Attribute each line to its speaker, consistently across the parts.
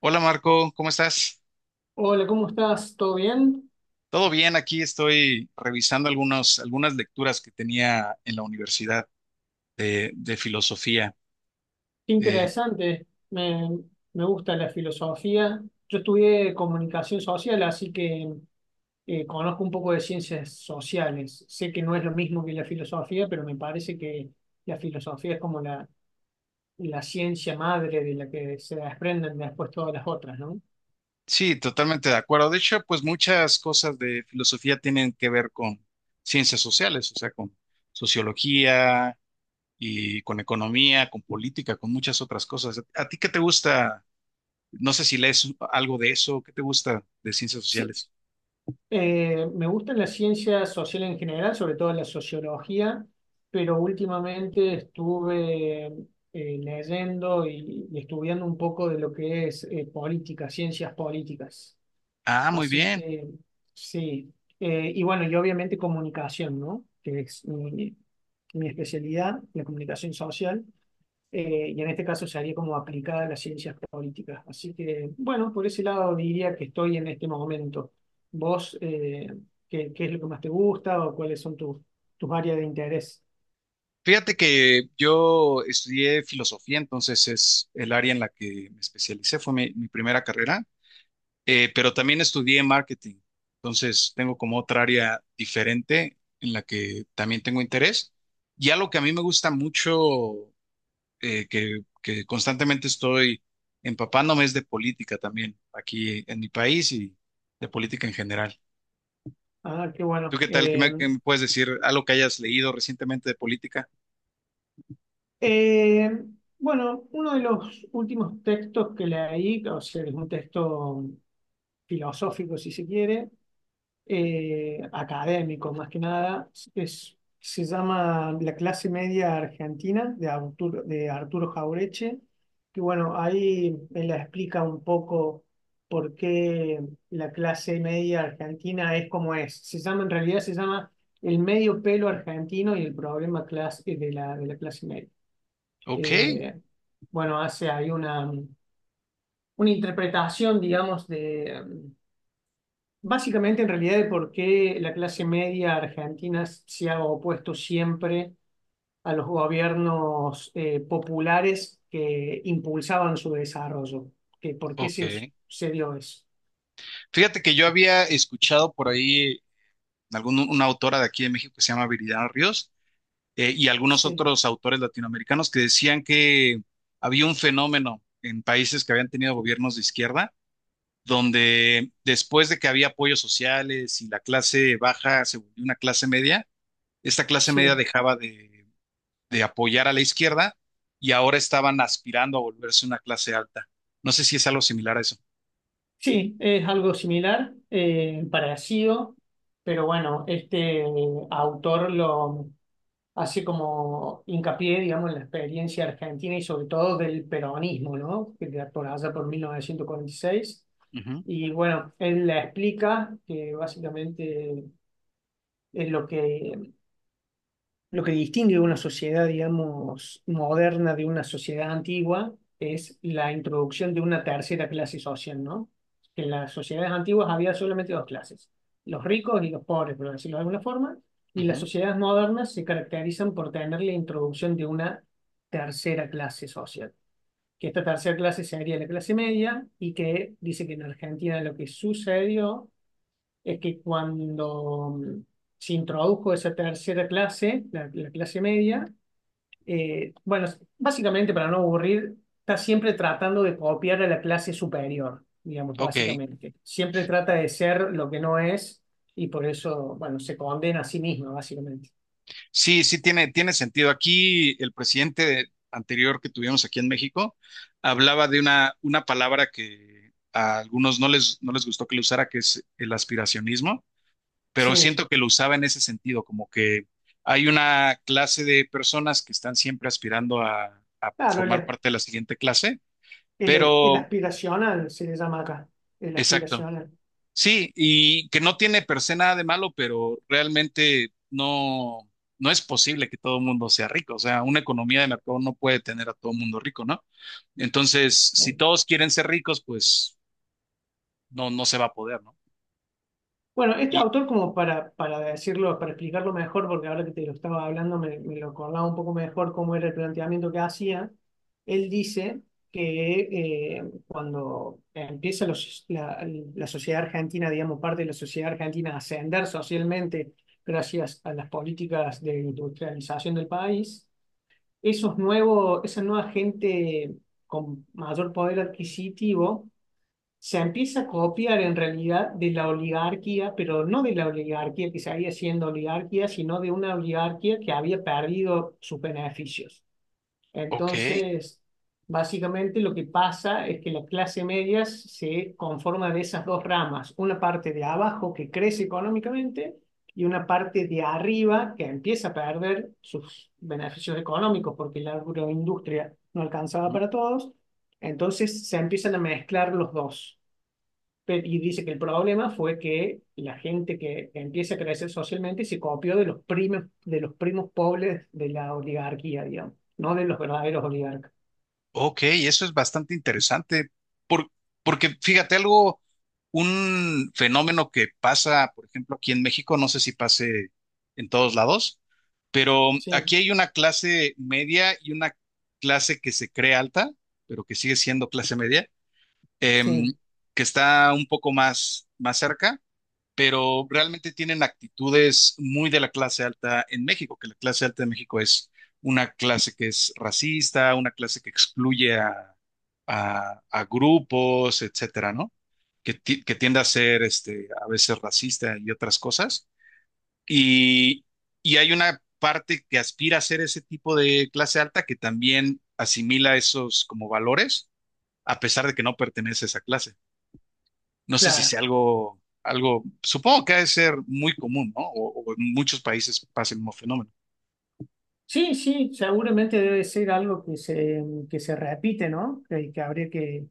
Speaker 1: Hola Marco, ¿cómo estás?
Speaker 2: Hola, ¿cómo estás? ¿Todo bien?
Speaker 1: Todo bien, aquí estoy revisando algunas lecturas que tenía en la universidad de filosofía.
Speaker 2: Qué
Speaker 1: Eh,
Speaker 2: interesante. Me gusta la filosofía. Yo estudié comunicación social, así que conozco un poco de ciencias sociales. Sé que no es lo mismo que la filosofía, pero me parece que la filosofía es como la ciencia madre de la que se desprenden después todas las otras, ¿no?
Speaker 1: sí, totalmente de acuerdo. De hecho, pues muchas cosas de filosofía tienen que ver con ciencias sociales, o sea, con sociología y con economía, con política, con muchas otras cosas. ¿A ti qué te gusta? No sé si lees algo de eso, ¿qué te gusta de ciencias
Speaker 2: Sí.
Speaker 1: sociales?
Speaker 2: Me gustan las ciencias sociales en general, sobre todo la sociología, pero últimamente estuve leyendo y estudiando un poco de lo que es política, ciencias políticas.
Speaker 1: Ah, muy
Speaker 2: Así
Speaker 1: bien.
Speaker 2: que sí. Y bueno, y obviamente comunicación, ¿no? Que es mi especialidad, la comunicación social, y en este caso sería como aplicada a las ciencias políticas. Así que, bueno, por ese lado diría que estoy en este momento. ¿Vos qué es lo que más te gusta o cuáles son tus áreas de interés?
Speaker 1: Fíjate que yo estudié filosofía, entonces es el área en la que me especialicé, fue mi primera carrera, pero también estudié marketing, entonces tengo como otra área diferente en la que también tengo interés. Y algo que a mí me gusta mucho, que constantemente estoy empapándome es de política también, aquí en mi país y de política en general.
Speaker 2: Ah, qué
Speaker 1: ¿Tú
Speaker 2: bueno.
Speaker 1: qué tal? ¿Qué me puedes decir? ¿Algo que hayas leído recientemente de política?
Speaker 2: Eh, bueno, uno de los últimos textos que leí, o sea, es un texto filosófico, si se quiere, académicos, más que nada. Se llama La clase media argentina de Arturo Jaureche, que bueno, ahí él explica un poco por qué la clase media argentina es como es. Se llama, en realidad se llama El medio pelo argentino y el problema clase, de la clase media.
Speaker 1: Ok,
Speaker 2: Eh, bueno, hace ahí una interpretación, digamos, básicamente, en realidad, el por qué la clase media argentina se ha opuesto siempre a los gobiernos populares que impulsaban su desarrollo. Que ¿Por qué se,
Speaker 1: ok.
Speaker 2: se dio eso?
Speaker 1: Fíjate que yo había escuchado por ahí algún, una autora de aquí de México que se llama Viridiana Ríos y algunos
Speaker 2: Sí,
Speaker 1: otros autores latinoamericanos que decían que había un fenómeno en países que habían tenido gobiernos de izquierda, donde después de que había apoyos sociales y la clase baja se volvió una clase media, esta clase media
Speaker 2: sí,
Speaker 1: dejaba de apoyar a la izquierda y ahora estaban aspirando a volverse una clase alta. No sé si es algo similar a eso.
Speaker 2: sí, es algo similar, parecido, pero bueno, este autor lo hace como hincapié, digamos, en la experiencia argentina y sobre todo del peronismo, ¿no? Que Por allá por 1946.
Speaker 1: Ujú,
Speaker 2: Y bueno, él la explica que básicamente es lo que distingue una sociedad, digamos, moderna de una sociedad antigua, es la introducción de una tercera clase social, ¿no? Que en las sociedades antiguas había solamente dos clases, los ricos y los pobres, por decirlo de alguna forma, y las
Speaker 1: ujú.
Speaker 2: sociedades modernas se caracterizan por tener la introducción de una tercera clase social, que esta tercera clase sería la clase media y que dice que en Argentina lo que sucedió es que cuando se introdujo esa tercera clase, la clase media, bueno, básicamente para no aburrir, está siempre tratando de copiar a la clase superior, digamos,
Speaker 1: Ok.
Speaker 2: básicamente. Siempre trata de ser lo que no es y por eso, bueno, se condena a sí misma, básicamente.
Speaker 1: Sí, sí tiene, tiene sentido. Aquí el presidente anterior que tuvimos aquí en México hablaba de una palabra que a algunos no les gustó que lo usara, que es el aspiracionismo, pero
Speaker 2: Sí,
Speaker 1: siento que lo usaba en ese sentido, como que hay una clase de personas que están siempre aspirando a
Speaker 2: claro,
Speaker 1: formar
Speaker 2: el,
Speaker 1: parte de la siguiente clase,
Speaker 2: el, el
Speaker 1: pero
Speaker 2: aspiracional se le llama acá, el
Speaker 1: exacto.
Speaker 2: aspiracional.
Speaker 1: Sí, y que no tiene per se nada de malo, pero realmente no es posible que todo el mundo sea rico. O sea, una economía de mercado no puede tener a todo el mundo rico, ¿no? Entonces, si
Speaker 2: Eh,
Speaker 1: todos quieren ser ricos, pues no se va a poder, ¿no?
Speaker 2: Bueno, este
Speaker 1: Y,
Speaker 2: autor, como para decirlo, para explicarlo mejor, porque ahora que te lo estaba hablando me lo acordaba un poco mejor cómo era el planteamiento que hacía, él dice que cuando empieza la sociedad argentina, digamos, parte de la sociedad argentina a ascender socialmente gracias a las políticas de industrialización del país, esa nueva gente con mayor poder adquisitivo se empieza a copiar en realidad de la oligarquía, pero no de la oligarquía que seguía siendo oligarquía, sino de una oligarquía que había perdido sus beneficios.
Speaker 1: ok.
Speaker 2: Entonces, básicamente lo que pasa es que la clase media se conforma de esas dos ramas, una parte de abajo que crece económicamente y una parte de arriba que empieza a perder sus beneficios económicos porque la agroindustria no alcanzaba para todos. Entonces se empiezan a mezclar los dos. Y dice que el problema fue que la gente que empieza a crecer socialmente se copió de los primos pobres de la oligarquía, digamos, no de los verdaderos oligarcas.
Speaker 1: Ok, eso es bastante interesante, por- porque fíjate algo, un fenómeno que pasa, por ejemplo, aquí en México, no sé si pase en todos lados, pero
Speaker 2: Sí,
Speaker 1: aquí hay una clase media y una clase que se cree alta, pero que sigue siendo clase media, em,
Speaker 2: sí,
Speaker 1: que está un poco más cerca, pero realmente tienen actitudes muy de la clase alta en México, que la clase alta de México es una clase que es racista, una clase que excluye a grupos, etcétera, ¿no? Que tiende a ser este, a veces racista y otras cosas. Y, y hay una parte que aspira a ser ese tipo de clase alta que también asimila esos como valores, a pesar de que no pertenece a esa clase. No sé si
Speaker 2: claro.
Speaker 1: sea supongo que ha de ser muy común, ¿no? O en muchos países pasa el mismo fenómeno.
Speaker 2: Sí, sí, seguramente debe ser algo que se repite, ¿no? Que habría que,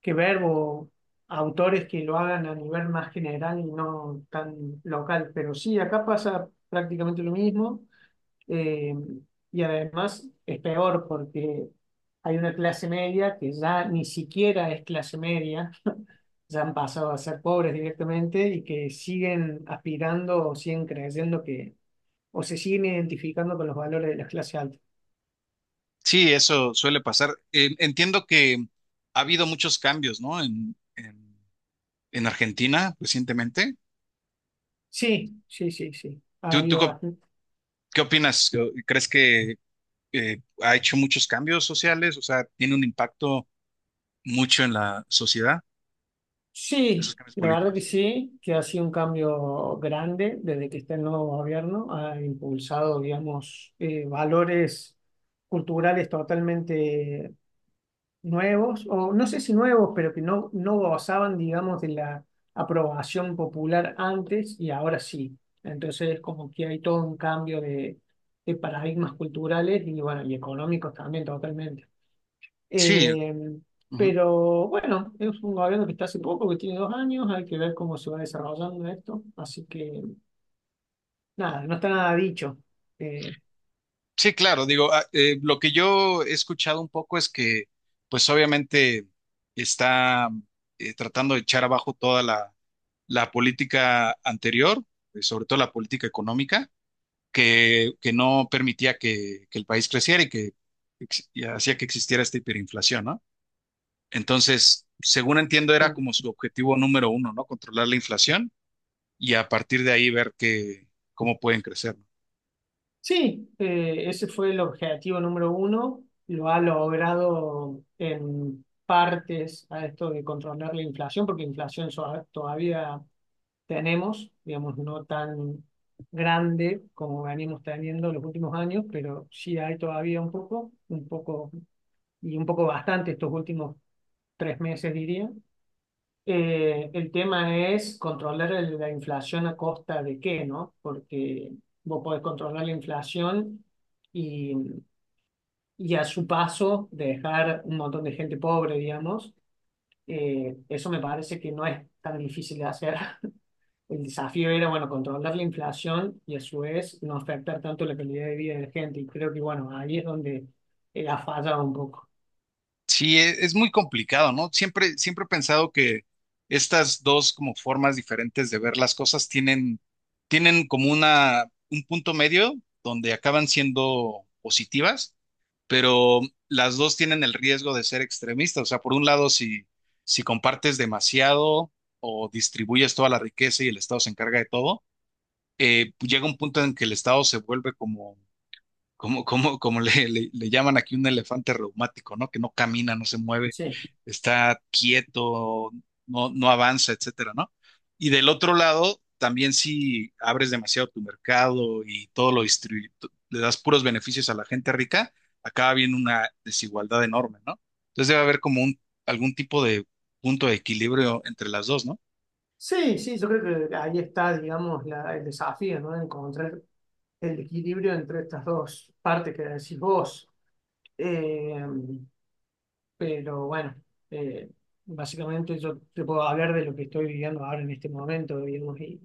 Speaker 2: que ver o autores que lo hagan a nivel más general y no tan local. Pero sí, acá pasa prácticamente lo mismo. Eh, y además es peor porque hay una clase media que ya ni siquiera es clase media, ya han pasado a ser pobres directamente y que siguen aspirando o siguen creyendo que, o se siguen identificando con los valores de las clases altas.
Speaker 1: Sí, eso suele pasar. Entiendo que ha habido muchos cambios, ¿no? En Argentina recientemente.
Speaker 2: Sí, sí, sí, sí. Ha
Speaker 1: ¿Tú, tú
Speaker 2: habido
Speaker 1: qué
Speaker 2: bastante.
Speaker 1: qué opinas? ¿Crees que ha hecho muchos cambios sociales? O sea, ¿tiene un impacto mucho en la sociedad, esos
Speaker 2: Sí,
Speaker 1: cambios
Speaker 2: la verdad que
Speaker 1: políticos?
Speaker 2: sí, que ha sido un cambio grande desde que está el nuevo gobierno, ha impulsado, digamos, valores culturales totalmente nuevos, o no sé si nuevos, pero que no gozaban, digamos, de la aprobación popular antes y ahora sí. Entonces, como que hay todo un cambio de paradigmas culturales y, bueno, y económicos también, totalmente.
Speaker 1: Sí.
Speaker 2: Eh, pero bueno, es un gobierno que está hace poco, que tiene 2 años, hay que ver cómo se va desarrollando esto. Así que, nada, no está nada dicho. Eh,
Speaker 1: Sí, claro, digo, lo que yo he escuchado un poco es que, pues obviamente está tratando de echar abajo toda la política anterior, sobre todo la política económica, que no permitía que el país creciera y que y hacía que existiera esta hiperinflación, ¿no? Entonces, según entiendo, era como su objetivo número uno, ¿no? Controlar la inflación y a partir de ahí ver cómo pueden crecer.
Speaker 2: Sí, ese fue el objetivo número uno. Lo ha logrado en partes a esto de controlar la inflación, porque inflación todavía tenemos, digamos, no tan grande como venimos teniendo en los últimos años, pero sí hay todavía un poco y un poco bastante estos últimos 3 meses, diría. El tema es controlar la inflación a costa de qué, ¿no? Porque vos podés controlar la inflación y, y a su paso dejar un montón de gente pobre, digamos. Eso me parece que no es tan difícil de hacer. El desafío era, bueno, controlar la inflación y a su vez no afectar tanto la calidad de vida de la gente. Y creo que, bueno, ahí es donde ha fallado un poco.
Speaker 1: Sí, es muy complicado, ¿no? Siempre he pensado que estas dos como formas diferentes de ver las cosas tienen como un punto medio donde acaban siendo positivas, pero las dos tienen el riesgo de ser extremistas. O sea, por un lado, si compartes demasiado o distribuyes toda la riqueza y el Estado se encarga de todo, llega un punto en que el Estado se vuelve como le llaman aquí un elefante reumático, ¿no? Que no camina, no se mueve,
Speaker 2: Sí.
Speaker 1: está quieto, no avanza, etcétera, ¿no? Y del otro lado, también si abres demasiado tu mercado y todo lo distribuyes, le das puros beneficios a la gente rica, acaba viendo una desigualdad enorme, ¿no? Entonces debe haber como algún tipo de punto de equilibrio entre las dos, ¿no?
Speaker 2: Sí, sí, yo creo que ahí está, digamos, el desafío, ¿no? Encontrar el equilibrio entre estas dos partes que decís vos. Eh, pero bueno, eh, básicamente yo te puedo hablar de lo que estoy viviendo ahora en este momento, digamos, y,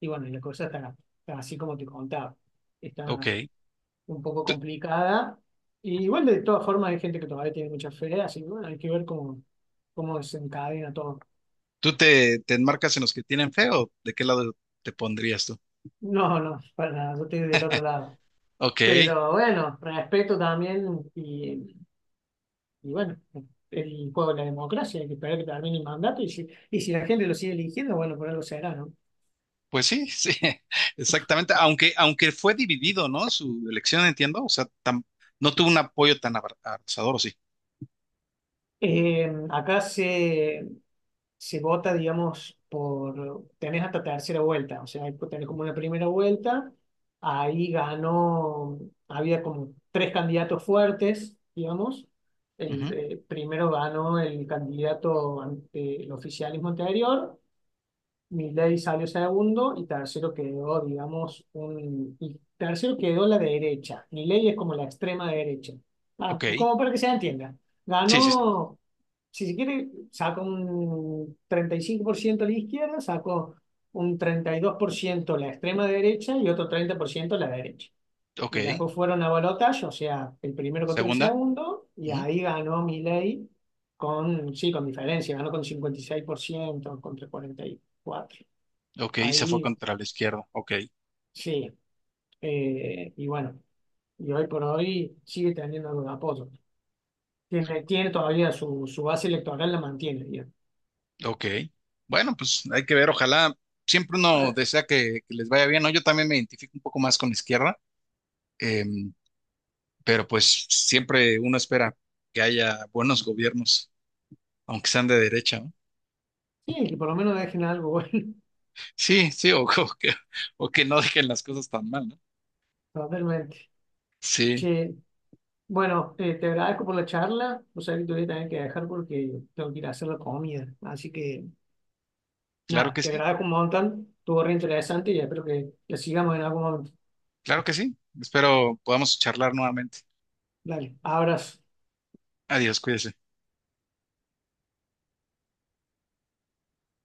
Speaker 2: y bueno, la cosa está así como te contaba, está
Speaker 1: Ok.
Speaker 2: un poco complicada. Y igual de todas formas hay gente que todavía tiene mucha fe, así que bueno, hay que ver cómo desencadena todo.
Speaker 1: ¿Te enmarcas en los que tienen fe o de qué lado te pondrías tú?
Speaker 2: No, no, para nada, yo estoy del otro lado.
Speaker 1: Ok.
Speaker 2: Pero bueno, respeto también y bueno, el juego de la democracia, hay que esperar que termine el mandato y si la gente lo sigue eligiendo, bueno, por algo será, ¿no?
Speaker 1: Pues sí, sí, exactamente. Aunque, aunque fue dividido, ¿no? Su elección, entiendo. O sea, no tuvo un apoyo tan abrazador, ¿o sí?
Speaker 2: Acá se vota, digamos, tenés hasta tercera vuelta, o sea, tenés como una primera vuelta, ahí ganó, había como tres candidatos fuertes, digamos,
Speaker 1: Ujú.
Speaker 2: primero ganó el candidato ante el oficialismo anterior. Milei salió segundo y tercero quedó, digamos, Y tercero quedó la derecha. Milei es como la extrema derecha. Ah,
Speaker 1: Ok.
Speaker 2: como para que se entienda.
Speaker 1: Sí, sí, sí.
Speaker 2: Ganó, si se quiere, sacó un 35% la izquierda, sacó un 32% la extrema derecha y otro 30% la derecha.
Speaker 1: Ok.
Speaker 2: Y después fueron a balotaje, o sea, el
Speaker 1: La
Speaker 2: primero contra el
Speaker 1: segunda.
Speaker 2: segundo, y
Speaker 1: Ujú.
Speaker 2: ahí ganó Milei sí, con diferencia, ganó con 56% contra 44.
Speaker 1: Ok. Se fue
Speaker 2: Ahí
Speaker 1: contra la izquierda. Ok.
Speaker 2: sí. Y bueno, y hoy por hoy sigue teniendo algo de apoyo. Tiene todavía su base electoral, la mantiene, digamos.
Speaker 1: Ok. Bueno, pues hay que ver. Ojalá, siempre uno
Speaker 2: Ah,
Speaker 1: desea que les vaya bien, ¿no? Yo también me identifico un poco más con la izquierda, em, pero pues siempre uno espera que haya buenos gobiernos, aunque sean de derecha, ¿no?
Speaker 2: sí, que por lo menos dejen algo bueno.
Speaker 1: Sí, sí, o, que, o que no dejen las cosas tan mal, ¿no?
Speaker 2: Totalmente.
Speaker 1: Sí,
Speaker 2: Che, bueno, te agradezco por la charla. O sea, que te voy a tener que dejar porque tengo que ir a hacer la comida. Así que
Speaker 1: claro
Speaker 2: nada,
Speaker 1: que
Speaker 2: te
Speaker 1: sí,
Speaker 2: agradezco un montón. Estuvo re interesante y espero que sigamos en algún momento.
Speaker 1: claro que sí. Espero podamos charlar nuevamente.
Speaker 2: Dale, abrazo.
Speaker 1: Adiós, cuídese.